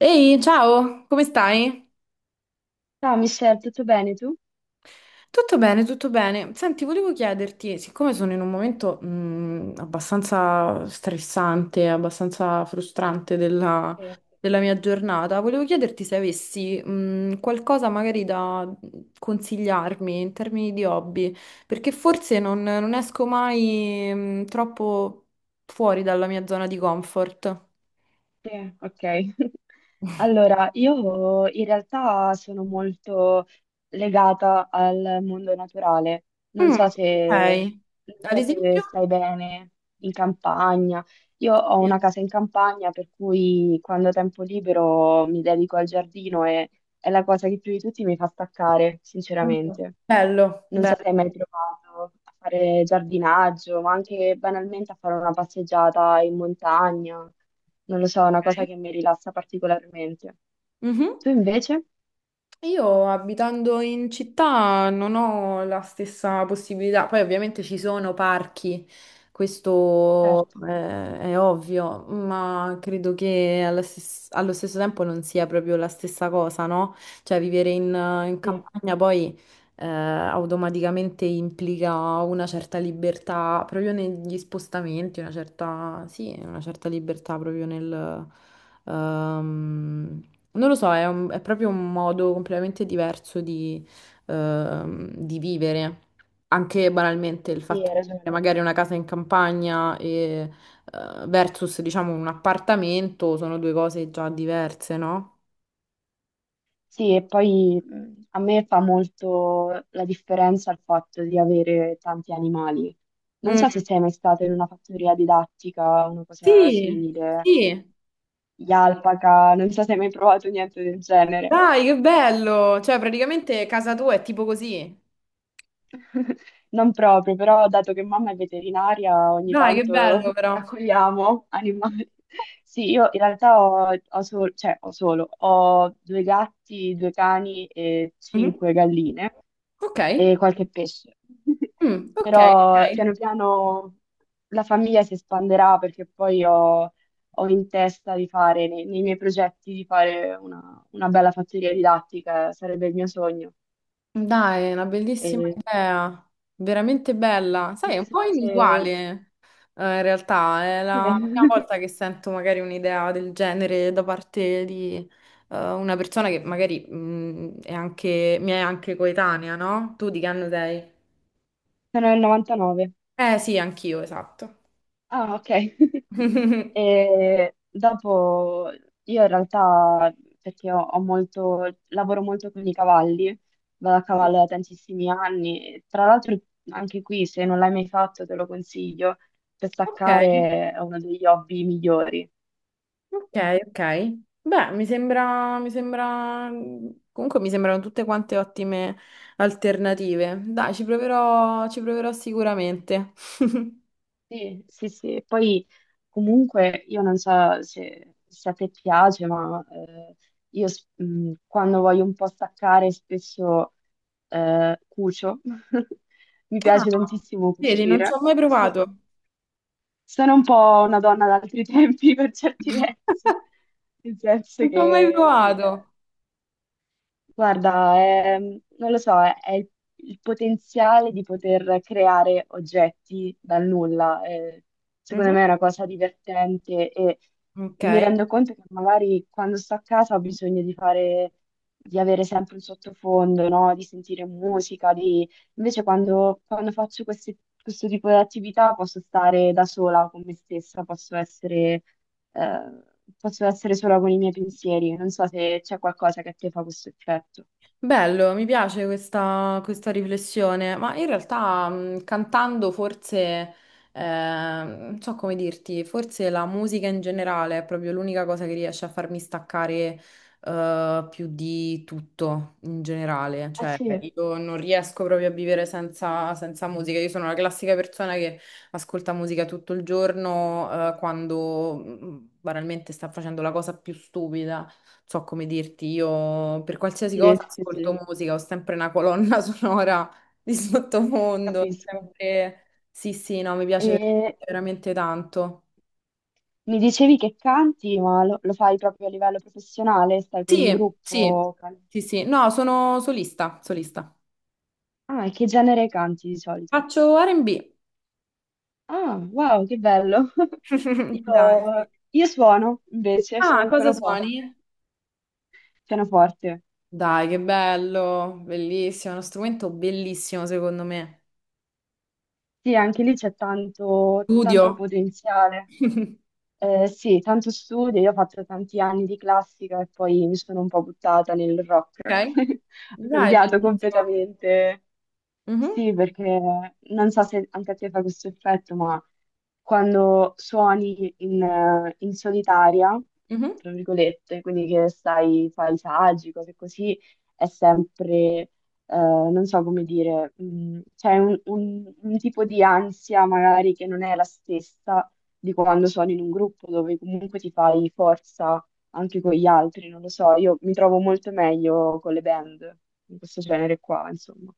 Ehi, ciao, come stai? Ciao Michelle, tutto bene tu? Tutto bene, tutto bene. Senti, volevo chiederti, siccome sono in un momento abbastanza stressante, abbastanza frustrante della, Sì. della mia giornata, volevo chiederti se avessi qualcosa magari da consigliarmi in termini di hobby, perché forse non, non esco mai troppo fuori dalla mia zona di comfort. Sì, ok. Allora, io in realtà sono molto legata al mondo naturale. Non Mm, so ok. se, non Ad so se esempio? stai bene in campagna. Io ho Sì. una casa in campagna, per cui quando ho tempo libero mi dedico al giardino e è la cosa che più di tutti mi fa staccare, Mm. sinceramente. Bello, Non so se bello. hai mai provato a fare giardinaggio, ma anche banalmente a fare una passeggiata in montagna. Non lo so, è una cosa Ok. che mi rilassa particolarmente. Mhm. Tu invece? Io abitando in città non ho la stessa possibilità, poi ovviamente ci sono parchi, questo Certo. È ovvio, ma credo che allo stesso tempo non sia proprio la stessa cosa, no? Cioè vivere in, in Sì, campagna poi automaticamente implica una certa libertà proprio negli spostamenti, una certa, sì, una certa libertà proprio nel non lo so, è, è proprio un modo completamente diverso di vivere. Anche banalmente il sì, fatto hai di avere ragione. magari una casa in campagna e, versus, diciamo, un appartamento sono due cose già diverse, no? Sì, e poi a me fa molto la differenza il fatto di avere tanti animali. Non Mm. so se sei mai stato in una fattoria didattica o una cosa Sì, simile, sì. gli alpaca, non so se hai mai provato niente del genere. Dai, che bello! Cioè, praticamente casa tua è tipo così. Non proprio, però dato che mamma è veterinaria, ogni Dai, che tanto bello però. raccogliamo animali. Sì, io in realtà ho solo, ho due gatti, due cani e Mhm. cinque galline Ok. e qualche pesce. Mm, ok, Però ok. piano piano la famiglia si espanderà perché ho in testa di fare, nei miei progetti, di fare una bella fattoria didattica, sarebbe il mio sogno. Dai, è una bellissima E idea, veramente bella. Sai, è non un so po' inusuale, se, in realtà. È Sì, la prima volta che sento magari un'idea del genere da parte di, una persona che magari, è anche, mi è anche coetanea, no? Tu di che anno sei? sono nel 99. Eh sì, anch'io, esatto. Ah, ok. E dopo io in realtà, perché lavoro molto con i cavalli, vado a cavallo da tantissimi anni. E tra l'altro, anche qui, se non l'hai mai fatto, te lo consiglio, per Ok, staccare è uno degli hobby migliori. ok, ok. Beh, mi sembra, comunque mi sembrano tutte quante ottime alternative. Dai, ci proverò sicuramente. Sì, sì, sì. E poi comunque io non so se, se a te piace, ma quando voglio un po' staccare spesso cucio. Mi piace Ah, tantissimo vedi, non ci cucire. ho mai So- provato. Sono un po' una donna d'altri tempi per certi versi, nel senso Non ci ho mai che sì. Provato. Guarda, non lo so, è il potenziale di poter creare oggetti dal nulla. Secondo Mhm. me è una cosa divertente e Ok. mi rendo conto che magari quando sto a casa ho bisogno di fare, di avere sempre un sottofondo, no? Di sentire musica, di... Invece quando faccio questo tipo di attività posso stare da sola con me stessa, eh, posso essere sola con i miei pensieri. Non so se c'è qualcosa che a te fa questo effetto. Bello, mi piace questa, questa riflessione, ma in realtà cantando forse, non so come dirti, forse la musica in generale è proprio l'unica cosa che riesce a farmi staccare, più di tutto in generale, Ah cioè sì, io non riesco proprio a vivere senza, senza musica, io sono la classica persona che ascolta musica tutto il giorno, quando banalmente sta facendo la cosa più stupida so come dirti, io per qualsiasi sì, cosa sì, ascolto sì, musica, ho sempre una colonna sonora di sottofondo, capisco. sempre. Sì, sì, no, mi piace E veramente tanto. mi dicevi che canti, ma lo, lo fai proprio a livello professionale? Stai con un Sì, sì, gruppo? Can- sì, sì, no, sono solista, solista. Ah, e che genere canti di solito? Faccio R&B. Ah, wow, che bello! Dai, sì. Io suono, invece, Ah, suono il cosa pianoforte. suoni? Pianoforte. Dai, che bello, bellissimo, è uno strumento bellissimo secondo me. Sì, anche lì c'è tanto, tanto Studio. potenziale. Sì, tanto studio, io ho fatto tanti anni di classica e poi mi sono un po' buttata nel rock. Ok? Ho Dai, cambiato bellissimo. completamente. Mhm, Sì, perché non so se anche a te fa questo effetto, ma quando suoni in, in solitaria, mhm. tra virgolette, quindi che stai, fai saggi, cose così, è sempre non so come dire, c'è un, un tipo di ansia magari che non è la stessa di quando sono in un gruppo dove comunque ti fai forza anche con gli altri, non lo so, io mi trovo molto meglio con le band, in questo genere qua, insomma.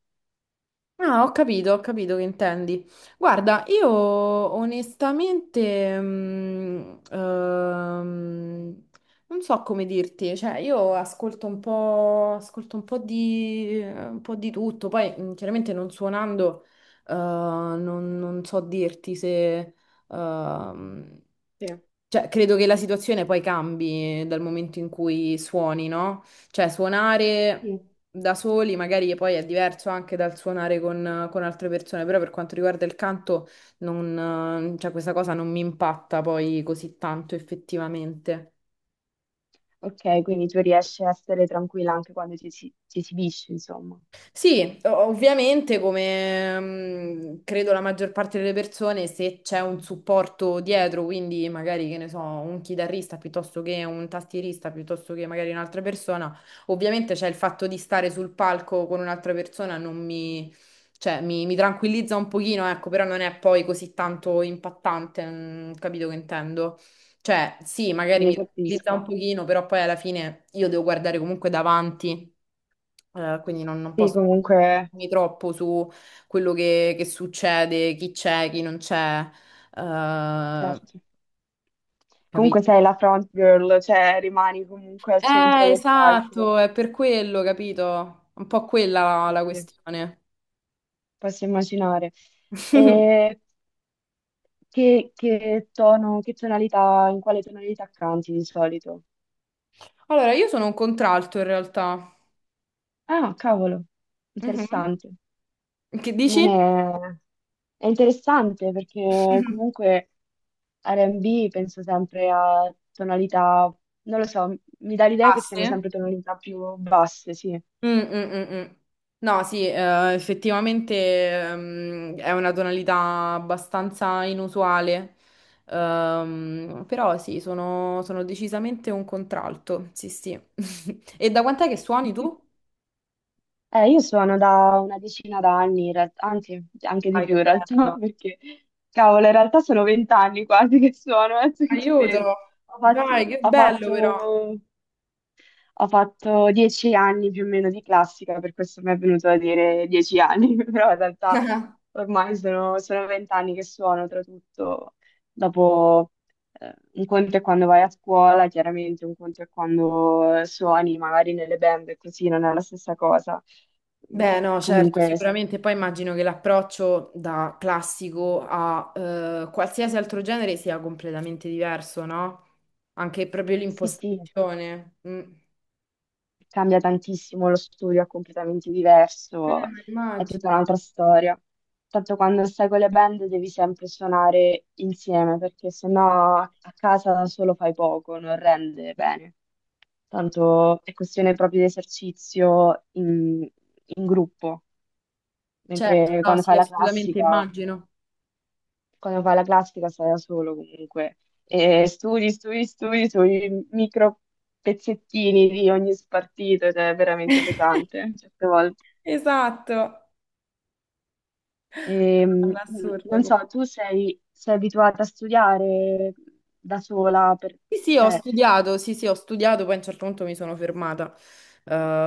Ah, ho capito che intendi. Guarda, io onestamente, non so come dirti, cioè io ascolto un po' di tutto, poi chiaramente non suonando, non, non so dirti se, ehm, Sì. cioè credo che la situazione poi cambi dal momento in cui suoni, no? Cioè suonare Sì. da soli, magari poi è diverso anche dal suonare con altre persone, però per quanto riguarda il canto, non, cioè, questa cosa non mi impatta poi così tanto effettivamente. Ok, quindi tu riesci a essere tranquilla anche quando ti, ti esibisci, insomma. Sì, ovviamente come mm, credo la maggior parte delle persone, se c'è un supporto dietro, quindi magari che ne so, un chitarrista piuttosto che un tastierista, piuttosto che magari un'altra persona, ovviamente c'è il fatto di stare sul palco con un'altra persona, non mi, cioè, mi tranquillizza un pochino, ecco, però non è poi così tanto impattante, mm, capito che intendo? Cioè, sì, magari Sì, mi tranquillizza un capisco. pochino, però poi alla fine io devo guardare comunque davanti. Quindi non, non Sì, posso comunque, concentrarmi troppo su quello che succede, chi c'è, chi non c'è, eh, certo. Comunque capito? sei la front girl, cioè rimani comunque al centro del palco. Esatto, è per quello, capito? Un po' quella la, Sì, la sì, questione. posso immaginare. E che tono, che tonalità, in quale tonalità canti di solito? Allora, io sono un contralto in realtà. Ah, cavolo, Mhm. interessante. Che Non dici? è... È interessante perché comunque R&B penso sempre a tonalità, non lo so, mi dà l'idea Ah, che siano sì? sempre tonalità più basse, sì. Mm, mm, mm, mm. No, sì, effettivamente è una tonalità abbastanza inusuale. Però sì, sono, sono decisamente un contralto, sì, sì. E da quant'è che suoni tu? Io suono da una decina d'anni, in realtà, anzi, anche di Dai, che più in realtà, bello. perché, cavolo, in realtà sono 20 anni quasi che suono, adesso che ci penso. Aiuto! Ho Dai, fatto, che ho bello fatto però. ho fatto 10 anni più o meno di classica, per questo mi è venuto a dire 10 anni, però in realtà ormai sono, sono 20 anni che suono, oltretutto dopo un conto è quando vai a scuola, chiaramente un conto è quando suoni magari nelle band e così, non è la stessa cosa. Mm, Beh, no, certo, Comunque, sicuramente. Poi immagino che l'approccio da classico a qualsiasi altro genere sia completamente diverso, no? Anche proprio sì, sì, l'impostazione. Mm. Cambia tantissimo, lo studio è completamente Ma diverso, è tutta immagino. un'altra storia. Tanto quando stai con le band devi sempre suonare insieme, perché sennò a casa da solo fai poco, non rende bene. Tanto è questione proprio di esercizio in, in gruppo, Certo, mentre no, sì, assolutamente immagino. quando fai la classica stai da solo comunque. E studi, studi, studi sui micro pezzettini di ogni spartito ed è veramente pesante certe volte. Esatto. Ehm, non All'assurdo. so, sei abituata a studiare da sola, Sì, sì, ho cioè, studiato, sì, sì, ho studiato, poi a un certo punto mi sono fermata,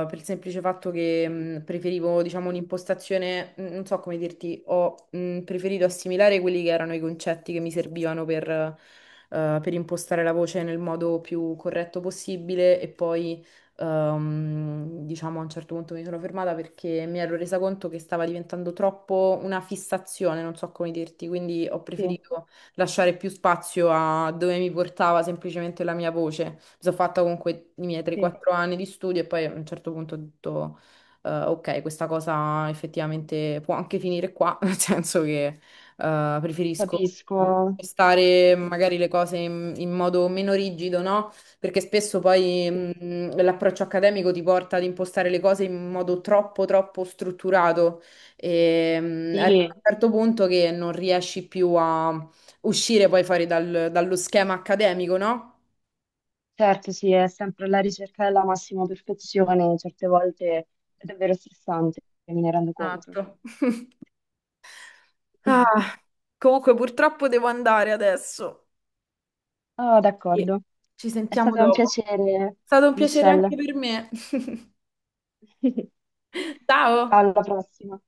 per il semplice fatto che preferivo, diciamo, un'impostazione, non so come dirti, ho preferito assimilare quelli che erano i concetti che mi servivano per impostare la voce nel modo più corretto possibile e poi, diciamo, a un certo punto mi sono fermata perché mi ero resa conto che stava diventando troppo una fissazione, non so come dirti, quindi ho sì, preferito lasciare più spazio a dove mi portava semplicemente la mia voce. Mi sono fatta comunque i miei sì, 3-4 anni di studio e poi a un certo punto ho detto, ok, questa cosa effettivamente può anche finire qua, nel senso che preferisco capisco, stare magari capisco. le cose in, in modo meno rigido, no? Perché spesso poi l'approccio accademico ti porta ad impostare le cose in modo troppo, troppo strutturato e arriva a Sì, un certo punto che non riesci più a uscire poi dallo schema accademico, no? certo, sì, è sempre la ricerca della massima perfezione, certe volte è davvero stressante, me ne rendo conto. Esatto. Ah, comunque purtroppo devo andare adesso. Oh, Sì. d'accordo. Ci È sentiamo stato un dopo. piacere, È stato un piacere anche Michelle. per me. Ciao, Ciao! alla prossima.